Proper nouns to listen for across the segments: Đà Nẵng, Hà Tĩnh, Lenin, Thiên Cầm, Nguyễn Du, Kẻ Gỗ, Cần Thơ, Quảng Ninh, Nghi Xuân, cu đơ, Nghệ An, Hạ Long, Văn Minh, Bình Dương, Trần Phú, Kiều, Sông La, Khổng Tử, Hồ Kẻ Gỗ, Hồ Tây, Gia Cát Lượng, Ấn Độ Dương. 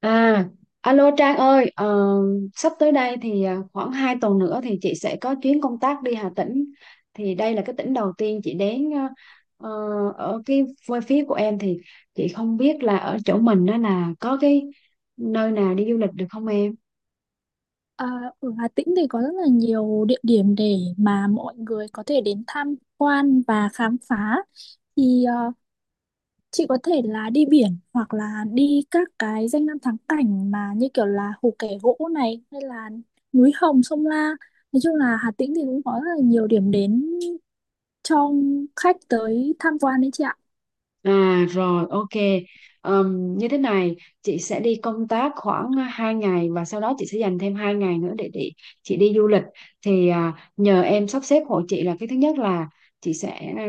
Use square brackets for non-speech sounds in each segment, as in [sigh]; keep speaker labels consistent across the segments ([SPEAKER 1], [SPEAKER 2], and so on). [SPEAKER 1] À, alo Trang ơi, sắp tới đây thì khoảng 2 tuần nữa thì chị sẽ có chuyến công tác đi Hà Tĩnh. Thì đây là cái tỉnh đầu tiên chị đến, ờ, ở cái quê phía của em, thì chị không biết là ở chỗ mình đó là có cái nơi nào đi du lịch được không em?
[SPEAKER 2] À, ở Hà Tĩnh thì có rất là nhiều địa điểm để mà mọi người có thể đến tham quan và khám phá. Thì chị có thể là đi biển hoặc là đi các cái danh lam thắng cảnh mà như kiểu là Hồ Kẻ Gỗ này hay là núi Hồng, Sông La. Nói chung là Hà Tĩnh thì cũng có rất là nhiều điểm đến cho khách tới tham quan đấy chị ạ.
[SPEAKER 1] À rồi, ok. Như thế này, chị sẽ đi công tác khoảng 2 ngày, và sau đó chị sẽ dành thêm 2 ngày nữa để chị đi du lịch. Thì nhờ em sắp xếp hộ chị. Là cái thứ nhất là chị sẽ,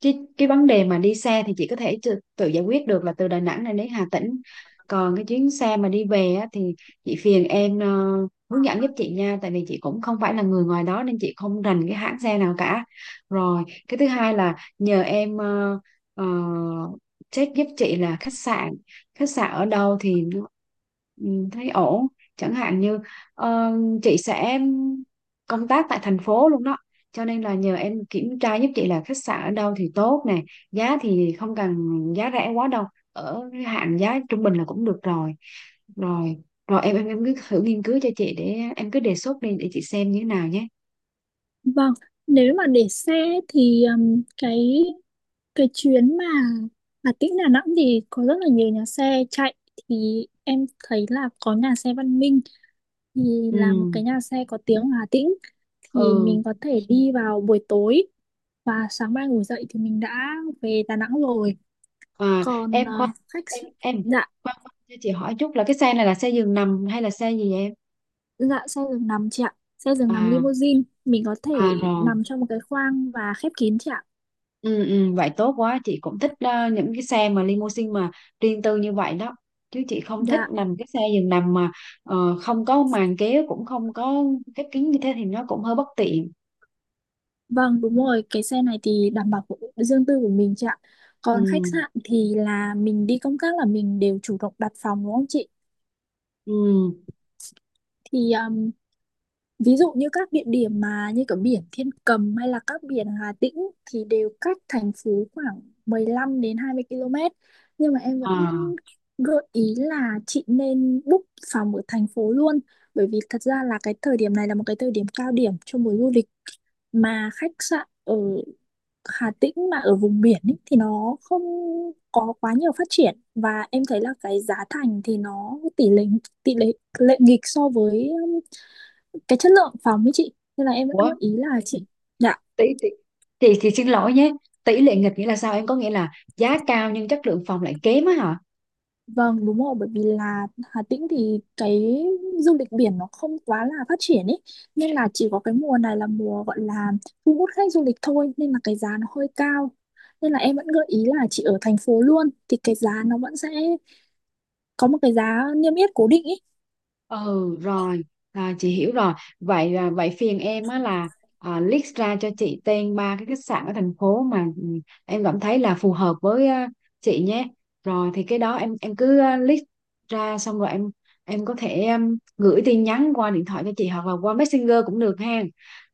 [SPEAKER 1] cái vấn đề mà đi xe thì chị có thể tự giải quyết được, là từ Đà Nẵng này đến Hà Tĩnh. Còn cái chuyến xe mà đi về á, thì chị phiền em hướng dẫn giúp chị nha, tại vì chị cũng không phải là người ngoài đó nên chị không rành cái hãng xe nào cả. Rồi, cái thứ hai là nhờ em ờ, check giúp chị là khách sạn ở đâu thì ừ, thấy ổn. Chẳng hạn như ờ, chị sẽ công tác tại thành phố luôn đó, cho nên là nhờ em kiểm tra giúp chị là khách sạn ở đâu thì tốt nè. Giá thì không cần giá rẻ quá đâu, ở cái hạn giá trung bình là cũng được rồi. Rồi rồi em em em cứ thử nghiên cứu cho chị, để em cứ đề xuất đi để chị xem như thế nào nhé.
[SPEAKER 2] Vâng, nếu mà để xe thì cái chuyến mà Hà Tĩnh Đà Nẵng thì có rất là nhiều nhà xe chạy, thì em thấy là có nhà xe Văn Minh, thì là một
[SPEAKER 1] Ừ,
[SPEAKER 2] cái nhà xe có tiếng ở Hà Tĩnh. Thì
[SPEAKER 1] ừ.
[SPEAKER 2] mình có thể đi vào buổi tối và sáng mai ngủ dậy thì mình đã về Đà Nẵng rồi.
[SPEAKER 1] À,
[SPEAKER 2] Còn
[SPEAKER 1] em khoan,
[SPEAKER 2] khách s-
[SPEAKER 1] em
[SPEAKER 2] dạ.
[SPEAKER 1] khoan khoan, cho chị hỏi chút là cái xe này là xe giường nằm hay là xe gì vậy em?
[SPEAKER 2] Dạ, xe giường nằm chị ạ, xe giường nằm
[SPEAKER 1] À
[SPEAKER 2] limousine, mình có
[SPEAKER 1] à,
[SPEAKER 2] thể
[SPEAKER 1] rồi.
[SPEAKER 2] nằm trong một cái khoang và khép kín chị ạ.
[SPEAKER 1] Ừ, ừ, vậy tốt quá, chị cũng thích những cái xe mà limousine mà riêng tư như vậy đó. Chứ chị không thích
[SPEAKER 2] Dạ
[SPEAKER 1] nằm cái xe giường nằm mà không có màn kéo, cũng không có khép kín như thế thì nó cũng hơi bất tiện.
[SPEAKER 2] vâng, đúng rồi, cái xe này thì đảm bảo của riêng tư của mình chị ạ. Còn khách
[SPEAKER 1] Ừ,
[SPEAKER 2] sạn thì là mình đi công tác là mình đều chủ động đặt phòng đúng không chị?
[SPEAKER 1] ừ.
[SPEAKER 2] Thì ví dụ như các địa điểm mà như kiểu biển Thiên Cầm hay là các biển Hà Tĩnh thì đều cách thành phố khoảng 15 đến 20 km. Nhưng mà em vẫn
[SPEAKER 1] À.
[SPEAKER 2] gợi ý là chị nên book phòng ở thành phố luôn. Bởi vì thật ra là cái thời điểm này là một cái thời điểm cao điểm cho mùa du lịch, mà khách sạn ở Hà Tĩnh mà ở vùng biển ý, thì nó không có quá nhiều phát triển, và em thấy là cái giá thành thì nó tỷ lệ lệ nghịch so với cái chất lượng phòng ấy chị, nên là em vẫn
[SPEAKER 1] Ủa,
[SPEAKER 2] gợi ý là chị. Dạ
[SPEAKER 1] tỷ tỷ chị thì xin lỗi nhé. Tỷ lệ nghịch nghĩa là sao em, có nghĩa là giá cao nhưng chất lượng phòng lại kém á hả?
[SPEAKER 2] vâng đúng rồi, bởi vì là Hà Tĩnh thì cái du lịch biển nó không quá là phát triển ấy, nên là chỉ có cái mùa này là mùa gọi là thu hút khách du lịch thôi, nên là cái giá nó hơi cao, nên là em vẫn gợi ý là chị ở thành phố luôn thì cái giá nó vẫn sẽ có một cái giá niêm yết cố định ý.
[SPEAKER 1] Ừ, rồi, à, chị hiểu rồi. Vậy vậy phiền em á là, list ra cho chị tên ba cái khách sạn ở thành phố mà em cảm thấy là phù hợp với chị nhé. Rồi thì cái đó em cứ list ra, xong rồi em có thể em, gửi tin nhắn qua điện thoại cho chị hoặc là qua Messenger cũng được ha.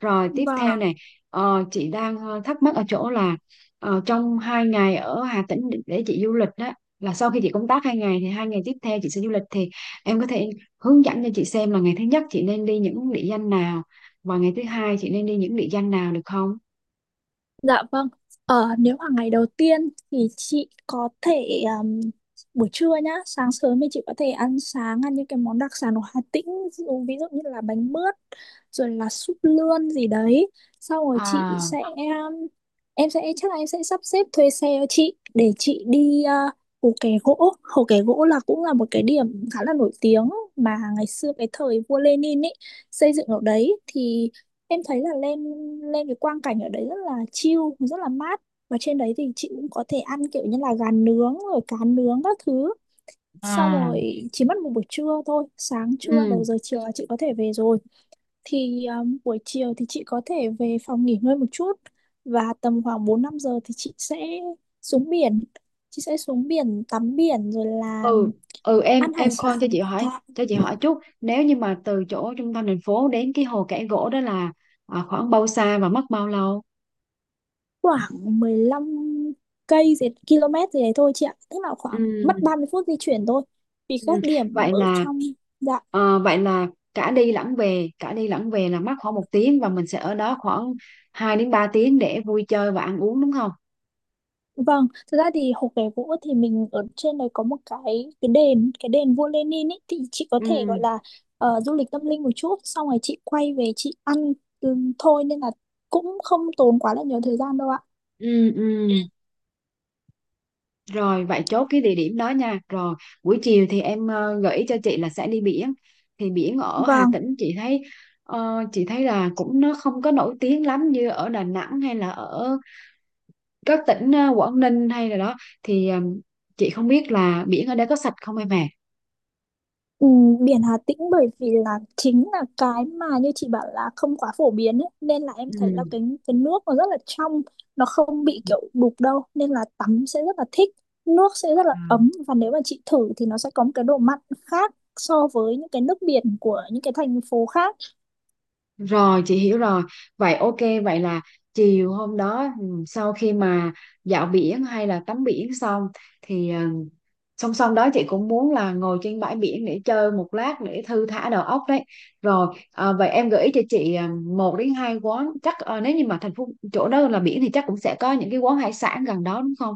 [SPEAKER 1] Rồi tiếp
[SPEAKER 2] Vâng,
[SPEAKER 1] theo này, chị đang thắc mắc ở chỗ là, trong hai ngày ở Hà Tĩnh để chị du lịch đó, là sau khi chị công tác 2 ngày thì 2 ngày tiếp theo chị sẽ du lịch, thì em có thể hướng dẫn cho chị xem là ngày thứ nhất chị nên đi những địa danh nào và ngày thứ hai chị nên đi những địa danh nào được không?
[SPEAKER 2] dạ vâng. Nếu mà ngày đầu tiên thì chị có thể, buổi trưa nhá, sáng sớm thì chị có thể ăn sáng, ăn những cái món đặc sản của Hà Tĩnh, ví dụ như là bánh mướt, rồi là súp lươn gì đấy. Sau rồi chị
[SPEAKER 1] À.
[SPEAKER 2] sẽ, em sẽ, chắc là em sẽ sắp xếp thuê xe cho chị để chị đi, Hồ Kẻ Gỗ. Hồ Kẻ Gỗ là cũng là một cái điểm khá là nổi tiếng mà ngày xưa cái thời vua Lenin ấy xây dựng ở đấy. Thì em thấy là lên lên cái quang cảnh ở đấy rất là chill, rất là mát, và trên đấy thì chị cũng có thể ăn kiểu như là gà nướng rồi cá nướng các thứ. Xong
[SPEAKER 1] À.
[SPEAKER 2] rồi chỉ mất một buổi trưa thôi, sáng trưa đầu
[SPEAKER 1] Ừ,
[SPEAKER 2] giờ chiều là chị có thể về rồi. Thì buổi chiều thì chị có thể về phòng nghỉ ngơi một chút, và tầm khoảng 4 5 giờ thì chị sẽ xuống biển, chị sẽ xuống biển tắm biển rồi là
[SPEAKER 1] ừ, ừ, em
[SPEAKER 2] ăn hải
[SPEAKER 1] em khoan,
[SPEAKER 2] sản. Dạ,
[SPEAKER 1] cho chị hỏi chút, nếu như mà từ chỗ trung tâm thành phố đến cái hồ Kẻ Gỗ đó là khoảng bao xa và mất bao lâu?
[SPEAKER 2] khoảng 15 cây gì km gì đấy thôi chị ạ, tức là
[SPEAKER 1] Ừ,
[SPEAKER 2] khoảng mất 30 phút di chuyển thôi, vì
[SPEAKER 1] ừ.
[SPEAKER 2] các điểm
[SPEAKER 1] Vậy
[SPEAKER 2] ở
[SPEAKER 1] là
[SPEAKER 2] trong. Dạ
[SPEAKER 1] vậy là cả đi lẫn về là mất khoảng 1 tiếng, và mình sẽ ở đó khoảng 2 đến 3 tiếng để vui chơi và ăn uống, đúng không?
[SPEAKER 2] vâng, thực ra thì Hồ Kẻ Gỗ thì mình ở trên đấy có một cái cái đền vua Lenin ấy, thì chị có
[SPEAKER 1] Ừ,
[SPEAKER 2] thể gọi là du lịch tâm linh một chút, xong rồi chị quay về chị ăn thôi, nên là cũng không tốn quá là nhiều thời gian đâu ạ.
[SPEAKER 1] ừ, ừ. Rồi, vậy chốt cái địa điểm đó nha. Rồi buổi chiều thì em gợi ý cho chị là sẽ đi biển. Thì biển ở Hà
[SPEAKER 2] Vâng.
[SPEAKER 1] Tĩnh chị thấy, chị thấy là cũng nó không có nổi tiếng lắm như ở Đà Nẵng hay là ở các tỉnh Quảng Ninh hay là đó. Thì chị không biết là biển ở đây có sạch không em ạ.
[SPEAKER 2] Ừ, biển Hà Tĩnh bởi vì là chính là cái mà như chị bảo là không quá phổ biến ấy. Nên là em thấy
[SPEAKER 1] Ừ.
[SPEAKER 2] là cái nước nó rất là trong, nó không bị kiểu đục đâu, nên là tắm sẽ rất là thích, nước sẽ rất là
[SPEAKER 1] À.
[SPEAKER 2] ấm, và nếu mà chị thử thì nó sẽ có một cái độ mặn khác so với những cái nước biển của những cái thành phố khác.
[SPEAKER 1] Rồi, chị hiểu rồi. Vậy ok, vậy là chiều hôm đó, sau khi mà dạo biển hay là tắm biển xong thì song song đó chị cũng muốn là ngồi trên bãi biển để chơi một lát để thư thả đầu óc đấy. Rồi vậy em gợi ý cho chị một đến hai quán chắc, nếu như mà thành phố chỗ đó là biển thì chắc cũng sẽ có những cái quán hải sản gần đó đúng không,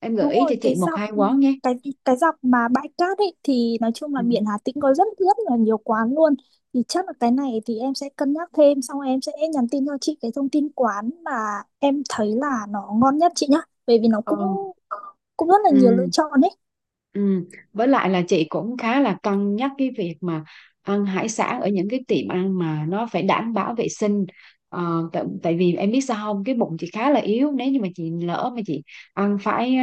[SPEAKER 1] em gợi
[SPEAKER 2] Đúng
[SPEAKER 1] ý
[SPEAKER 2] rồi,
[SPEAKER 1] cho chị
[SPEAKER 2] cái
[SPEAKER 1] một
[SPEAKER 2] dọc
[SPEAKER 1] hai quán nhé.
[SPEAKER 2] cái cái dọc mà bãi cát ấy thì nói chung là
[SPEAKER 1] Ừ.
[SPEAKER 2] biển Hà Tĩnh có rất rất là nhiều quán luôn. Thì chắc là cái này thì em sẽ cân nhắc thêm, xong em sẽ nhắn tin cho chị cái thông tin quán mà em thấy là nó ngon nhất chị nhá. Bởi vì nó cũng
[SPEAKER 1] Ừ.
[SPEAKER 2] cũng rất là nhiều lựa
[SPEAKER 1] Ừ.
[SPEAKER 2] chọn ấy.
[SPEAKER 1] Ừ. Với lại là chị cũng khá là cân nhắc cái việc mà ăn hải sản ở những cái tiệm ăn mà nó phải đảm bảo vệ sinh. Tại vì em biết sao không, cái bụng chị khá là yếu, nếu như mà chị lỡ mà chị ăn phải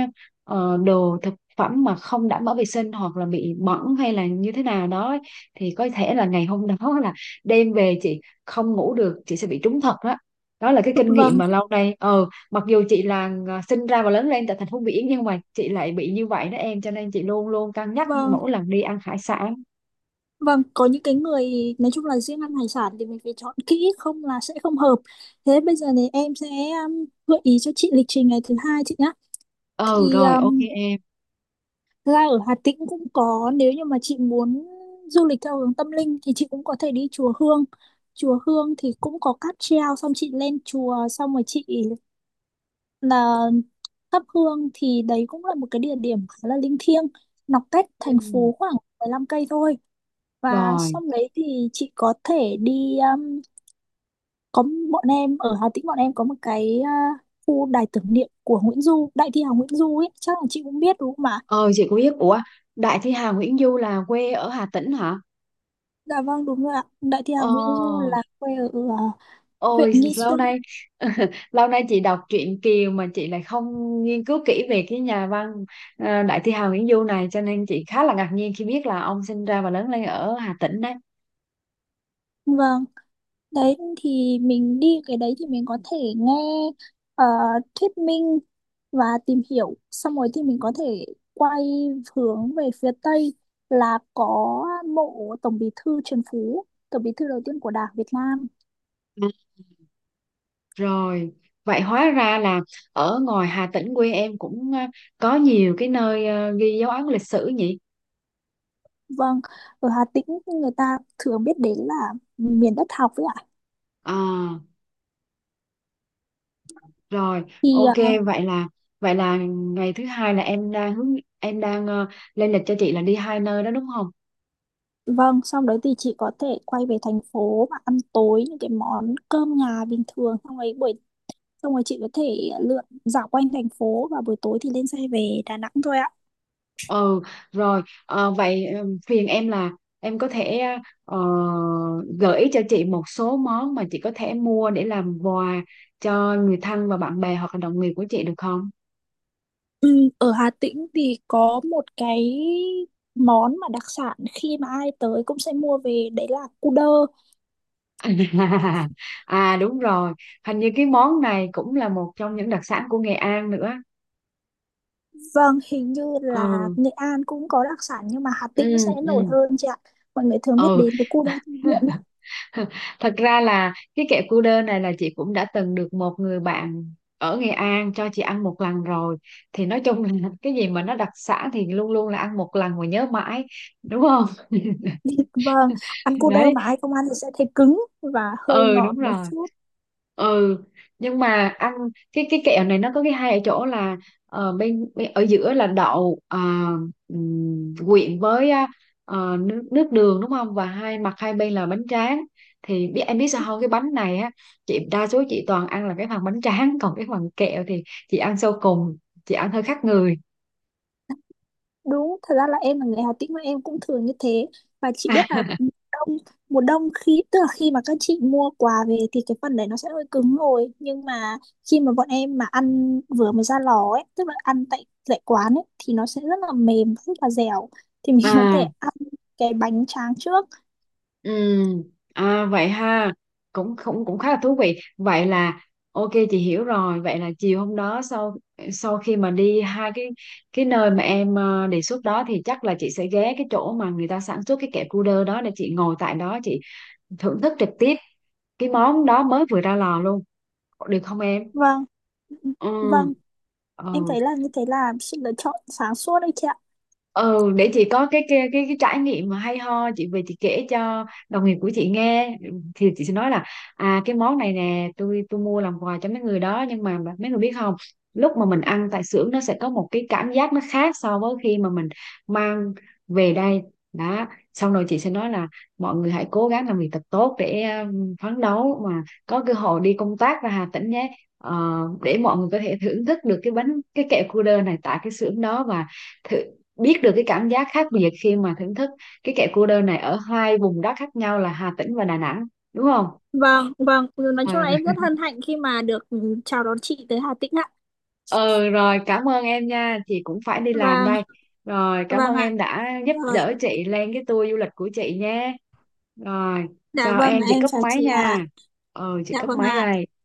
[SPEAKER 1] đồ thực phẩm mà không đảm bảo vệ sinh hoặc là bị bẩn hay là như thế nào đó ấy, thì có thể là ngày hôm [laughs] đó là đêm về chị không ngủ được, chị sẽ bị trúng thật đó. Đó là cái kinh nghiệm
[SPEAKER 2] Vâng,
[SPEAKER 1] mà lâu nay. Ừ, mặc dù chị là sinh ra và lớn lên tại thành phố biển nhưng mà chị lại bị như vậy đó em, cho nên chị luôn luôn cân nhắc
[SPEAKER 2] vâng,
[SPEAKER 1] mỗi lần đi ăn hải sản.
[SPEAKER 2] vâng, có những cái người nói chung là riêng ăn hải sản thì mình phải chọn kỹ, không là sẽ không hợp. Thế bây giờ thì em sẽ, gợi ý cho chị lịch trình ngày thứ hai chị nhá.
[SPEAKER 1] Ừ,
[SPEAKER 2] Thì
[SPEAKER 1] rồi, ok em.
[SPEAKER 2] thực ra ở Hà Tĩnh cũng có, nếu như mà chị muốn du lịch theo hướng tâm linh thì chị cũng có thể đi chùa Hương. Chùa Hương thì cũng có cáp treo, xong chị lên chùa xong rồi chị là thắp hương, thì đấy cũng là một cái địa điểm khá là linh thiêng, nó cách
[SPEAKER 1] Ừ,
[SPEAKER 2] thành phố khoảng 15 cây thôi. Và
[SPEAKER 1] rồi.
[SPEAKER 2] xong đấy thì chị có thể đi, có, bọn em ở Hà Tĩnh bọn em có một cái, khu đài tưởng niệm của Nguyễn Du, đại thi hào Nguyễn Du ấy, chắc là chị cũng biết đúng không?
[SPEAKER 1] Ờ, chị có biết. Ủa, Đại Thi Hà Nguyễn Du là quê ở Hà Tĩnh hả?
[SPEAKER 2] Dạ vâng đúng rồi ạ. Đại thi
[SPEAKER 1] Ờ,
[SPEAKER 2] hào Nguyễn Du là quê ở, à, huyện
[SPEAKER 1] ôi
[SPEAKER 2] Nghi
[SPEAKER 1] lâu
[SPEAKER 2] Xuân.
[SPEAKER 1] nay, [laughs] lâu nay chị đọc truyện Kiều mà chị lại không nghiên cứu kỹ về cái nhà văn, Đại Thi Hà Nguyễn Du này, cho nên chị khá là ngạc nhiên khi biết là ông sinh ra và lớn lên ở Hà Tĩnh đấy.
[SPEAKER 2] Vâng, đấy thì mình đi cái đấy thì mình có thể nghe ờ, thuyết minh và tìm hiểu. Xong rồi thì mình có thể quay hướng về phía Tây là có mộ Tổng Bí thư Trần Phú, Tổng Bí thư đầu tiên của Đảng Việt Nam.
[SPEAKER 1] Rồi, vậy hóa ra là ở ngoài Hà Tĩnh quê em cũng có nhiều cái nơi ghi dấu ấn lịch sử nhỉ?
[SPEAKER 2] Vâng, ở Hà Tĩnh người ta thường biết đến là miền đất học ấy ạ.
[SPEAKER 1] À, rồi,
[SPEAKER 2] Thì
[SPEAKER 1] ok,
[SPEAKER 2] ờ,
[SPEAKER 1] vậy là vậy là ngày thứ hai là em đang hướng em đang lên lịch cho chị là đi hai nơi đó đúng không?
[SPEAKER 2] vâng, xong đấy thì chị có thể quay về thành phố và ăn tối những cái món cơm nhà bình thường, xong rồi buổi, xong rồi chị có thể lượn dạo quanh thành phố, và buổi tối thì lên xe về Đà Nẵng thôi ạ.
[SPEAKER 1] Ừ, rồi, vậy phiền em là em có thể ờ, gợi ý cho chị một số món mà chị có thể mua để làm quà cho người thân và bạn bè hoặc là đồng nghiệp của chị được không?
[SPEAKER 2] Ừ, ở Hà Tĩnh thì có một cái món mà đặc sản khi mà ai tới cũng sẽ mua về đấy là cu đơ.
[SPEAKER 1] [laughs] À đúng rồi, hình như cái món này cũng là một trong những đặc sản của Nghệ An nữa.
[SPEAKER 2] Vâng, hình như là
[SPEAKER 1] Ừ,
[SPEAKER 2] Nghệ An cũng có đặc sản nhưng mà Hà
[SPEAKER 1] ừ,
[SPEAKER 2] Tĩnh sẽ
[SPEAKER 1] ừ,
[SPEAKER 2] nổi hơn chị ạ. Mọi người thường biết
[SPEAKER 1] ừ.
[SPEAKER 2] đến với cu đơ thư viện là
[SPEAKER 1] [laughs] Thật ra là cái kẹo cu đơ này là chị cũng đã từng được một người bạn ở Nghệ An cho chị ăn một lần rồi. Thì nói chung là [laughs] cái gì mà nó đặc sản thì luôn luôn là ăn một lần mà nhớ mãi, đúng không?
[SPEAKER 2] [laughs] vâng, ăn cu đơ
[SPEAKER 1] [laughs] Đấy,
[SPEAKER 2] mà ai không ăn thì sẽ thấy cứng và hơi
[SPEAKER 1] ừ đúng
[SPEAKER 2] ngọt một
[SPEAKER 1] rồi.
[SPEAKER 2] chút.
[SPEAKER 1] Ừ, nhưng mà ăn cái kẹo này nó có cái hay ở chỗ là bên ở giữa là đậu quyện với á, nước nước đường đúng không, và hai mặt hai bên là bánh tráng. Thì biết em, biết sao không, cái bánh này á, chị đa số chị toàn ăn là cái phần bánh tráng, [laughs] còn cái phần kẹo thì chị ăn sau cùng, chị ăn hơi khác người.
[SPEAKER 2] Đúng, thật ra là em là người Hà Tĩnh mà em cũng thường như thế. Và chị biết là,
[SPEAKER 1] [laughs]
[SPEAKER 2] ừ, đông, mùa đông khi, tức là khi mà các chị mua quà về thì cái phần đấy nó sẽ hơi cứng rồi. Nhưng mà khi mà bọn em mà ăn vừa mới ra lò ấy, tức là ăn tại tại quán ấy thì nó sẽ rất là mềm, rất là dẻo. Thì mình có
[SPEAKER 1] À,
[SPEAKER 2] thể ăn cái bánh tráng trước.
[SPEAKER 1] ừ. À, vậy ha, cũng cũng cũng khá là thú vị. Vậy là ok, chị hiểu rồi. Vậy là chiều hôm đó, sau sau khi mà đi hai cái nơi mà em đề xuất đó, thì chắc là chị sẽ ghé cái chỗ mà người ta sản xuất cái kẹo cu đơ đó, để chị ngồi tại đó chị thưởng thức trực tiếp cái món đó mới vừa ra lò luôn, được không em?
[SPEAKER 2] Vâng, vâng,
[SPEAKER 1] Ừ,
[SPEAKER 2] em
[SPEAKER 1] ừ.
[SPEAKER 2] thấy là như thế là sự lựa chọn sáng suốt đấy chị ạ.
[SPEAKER 1] Ừ, để chị có cái trải nghiệm mà hay ho, chị về chị kể cho đồng nghiệp của chị nghe, thì chị sẽ nói là, à cái món này nè tôi mua làm quà cho mấy người đó, nhưng mà mấy người biết không, lúc mà mình ăn tại xưởng nó sẽ có một cái cảm giác nó khác so với khi mà mình mang về đây đó. Xong rồi chị sẽ nói là, mọi người hãy cố gắng làm việc thật tốt để phấn đấu mà có cơ hội đi công tác ra Hà Tĩnh nhé. Ờ, để mọi người có thể thưởng thức được cái bánh, cái kẹo cu đơ này tại cái xưởng đó, và thử biết được cái cảm giác khác biệt khi mà thưởng thức cái kẹo cô đơn này ở hai vùng đất khác nhau là Hà Tĩnh và Đà Nẵng, đúng không?
[SPEAKER 2] Vâng, vâng, ừ, nói chung là em
[SPEAKER 1] Ừ.
[SPEAKER 2] rất hân hạnh khi mà được chào đón chị tới Hà Tĩnh ạ.
[SPEAKER 1] Ừ rồi, cảm ơn em nha, chị cũng phải đi làm
[SPEAKER 2] Vâng,
[SPEAKER 1] đây. Rồi, cảm
[SPEAKER 2] vâng
[SPEAKER 1] ơn
[SPEAKER 2] ạ.
[SPEAKER 1] em đã giúp
[SPEAKER 2] Rồi.
[SPEAKER 1] đỡ chị lên cái tour du lịch của chị nhé. Rồi,
[SPEAKER 2] Dạ
[SPEAKER 1] chào
[SPEAKER 2] vâng,
[SPEAKER 1] em, chị
[SPEAKER 2] em
[SPEAKER 1] cấp
[SPEAKER 2] chào
[SPEAKER 1] máy
[SPEAKER 2] chị ạ.
[SPEAKER 1] nha. Ừ, chị
[SPEAKER 2] Dạ
[SPEAKER 1] cấp
[SPEAKER 2] vâng
[SPEAKER 1] máy
[SPEAKER 2] ạ.
[SPEAKER 1] đây.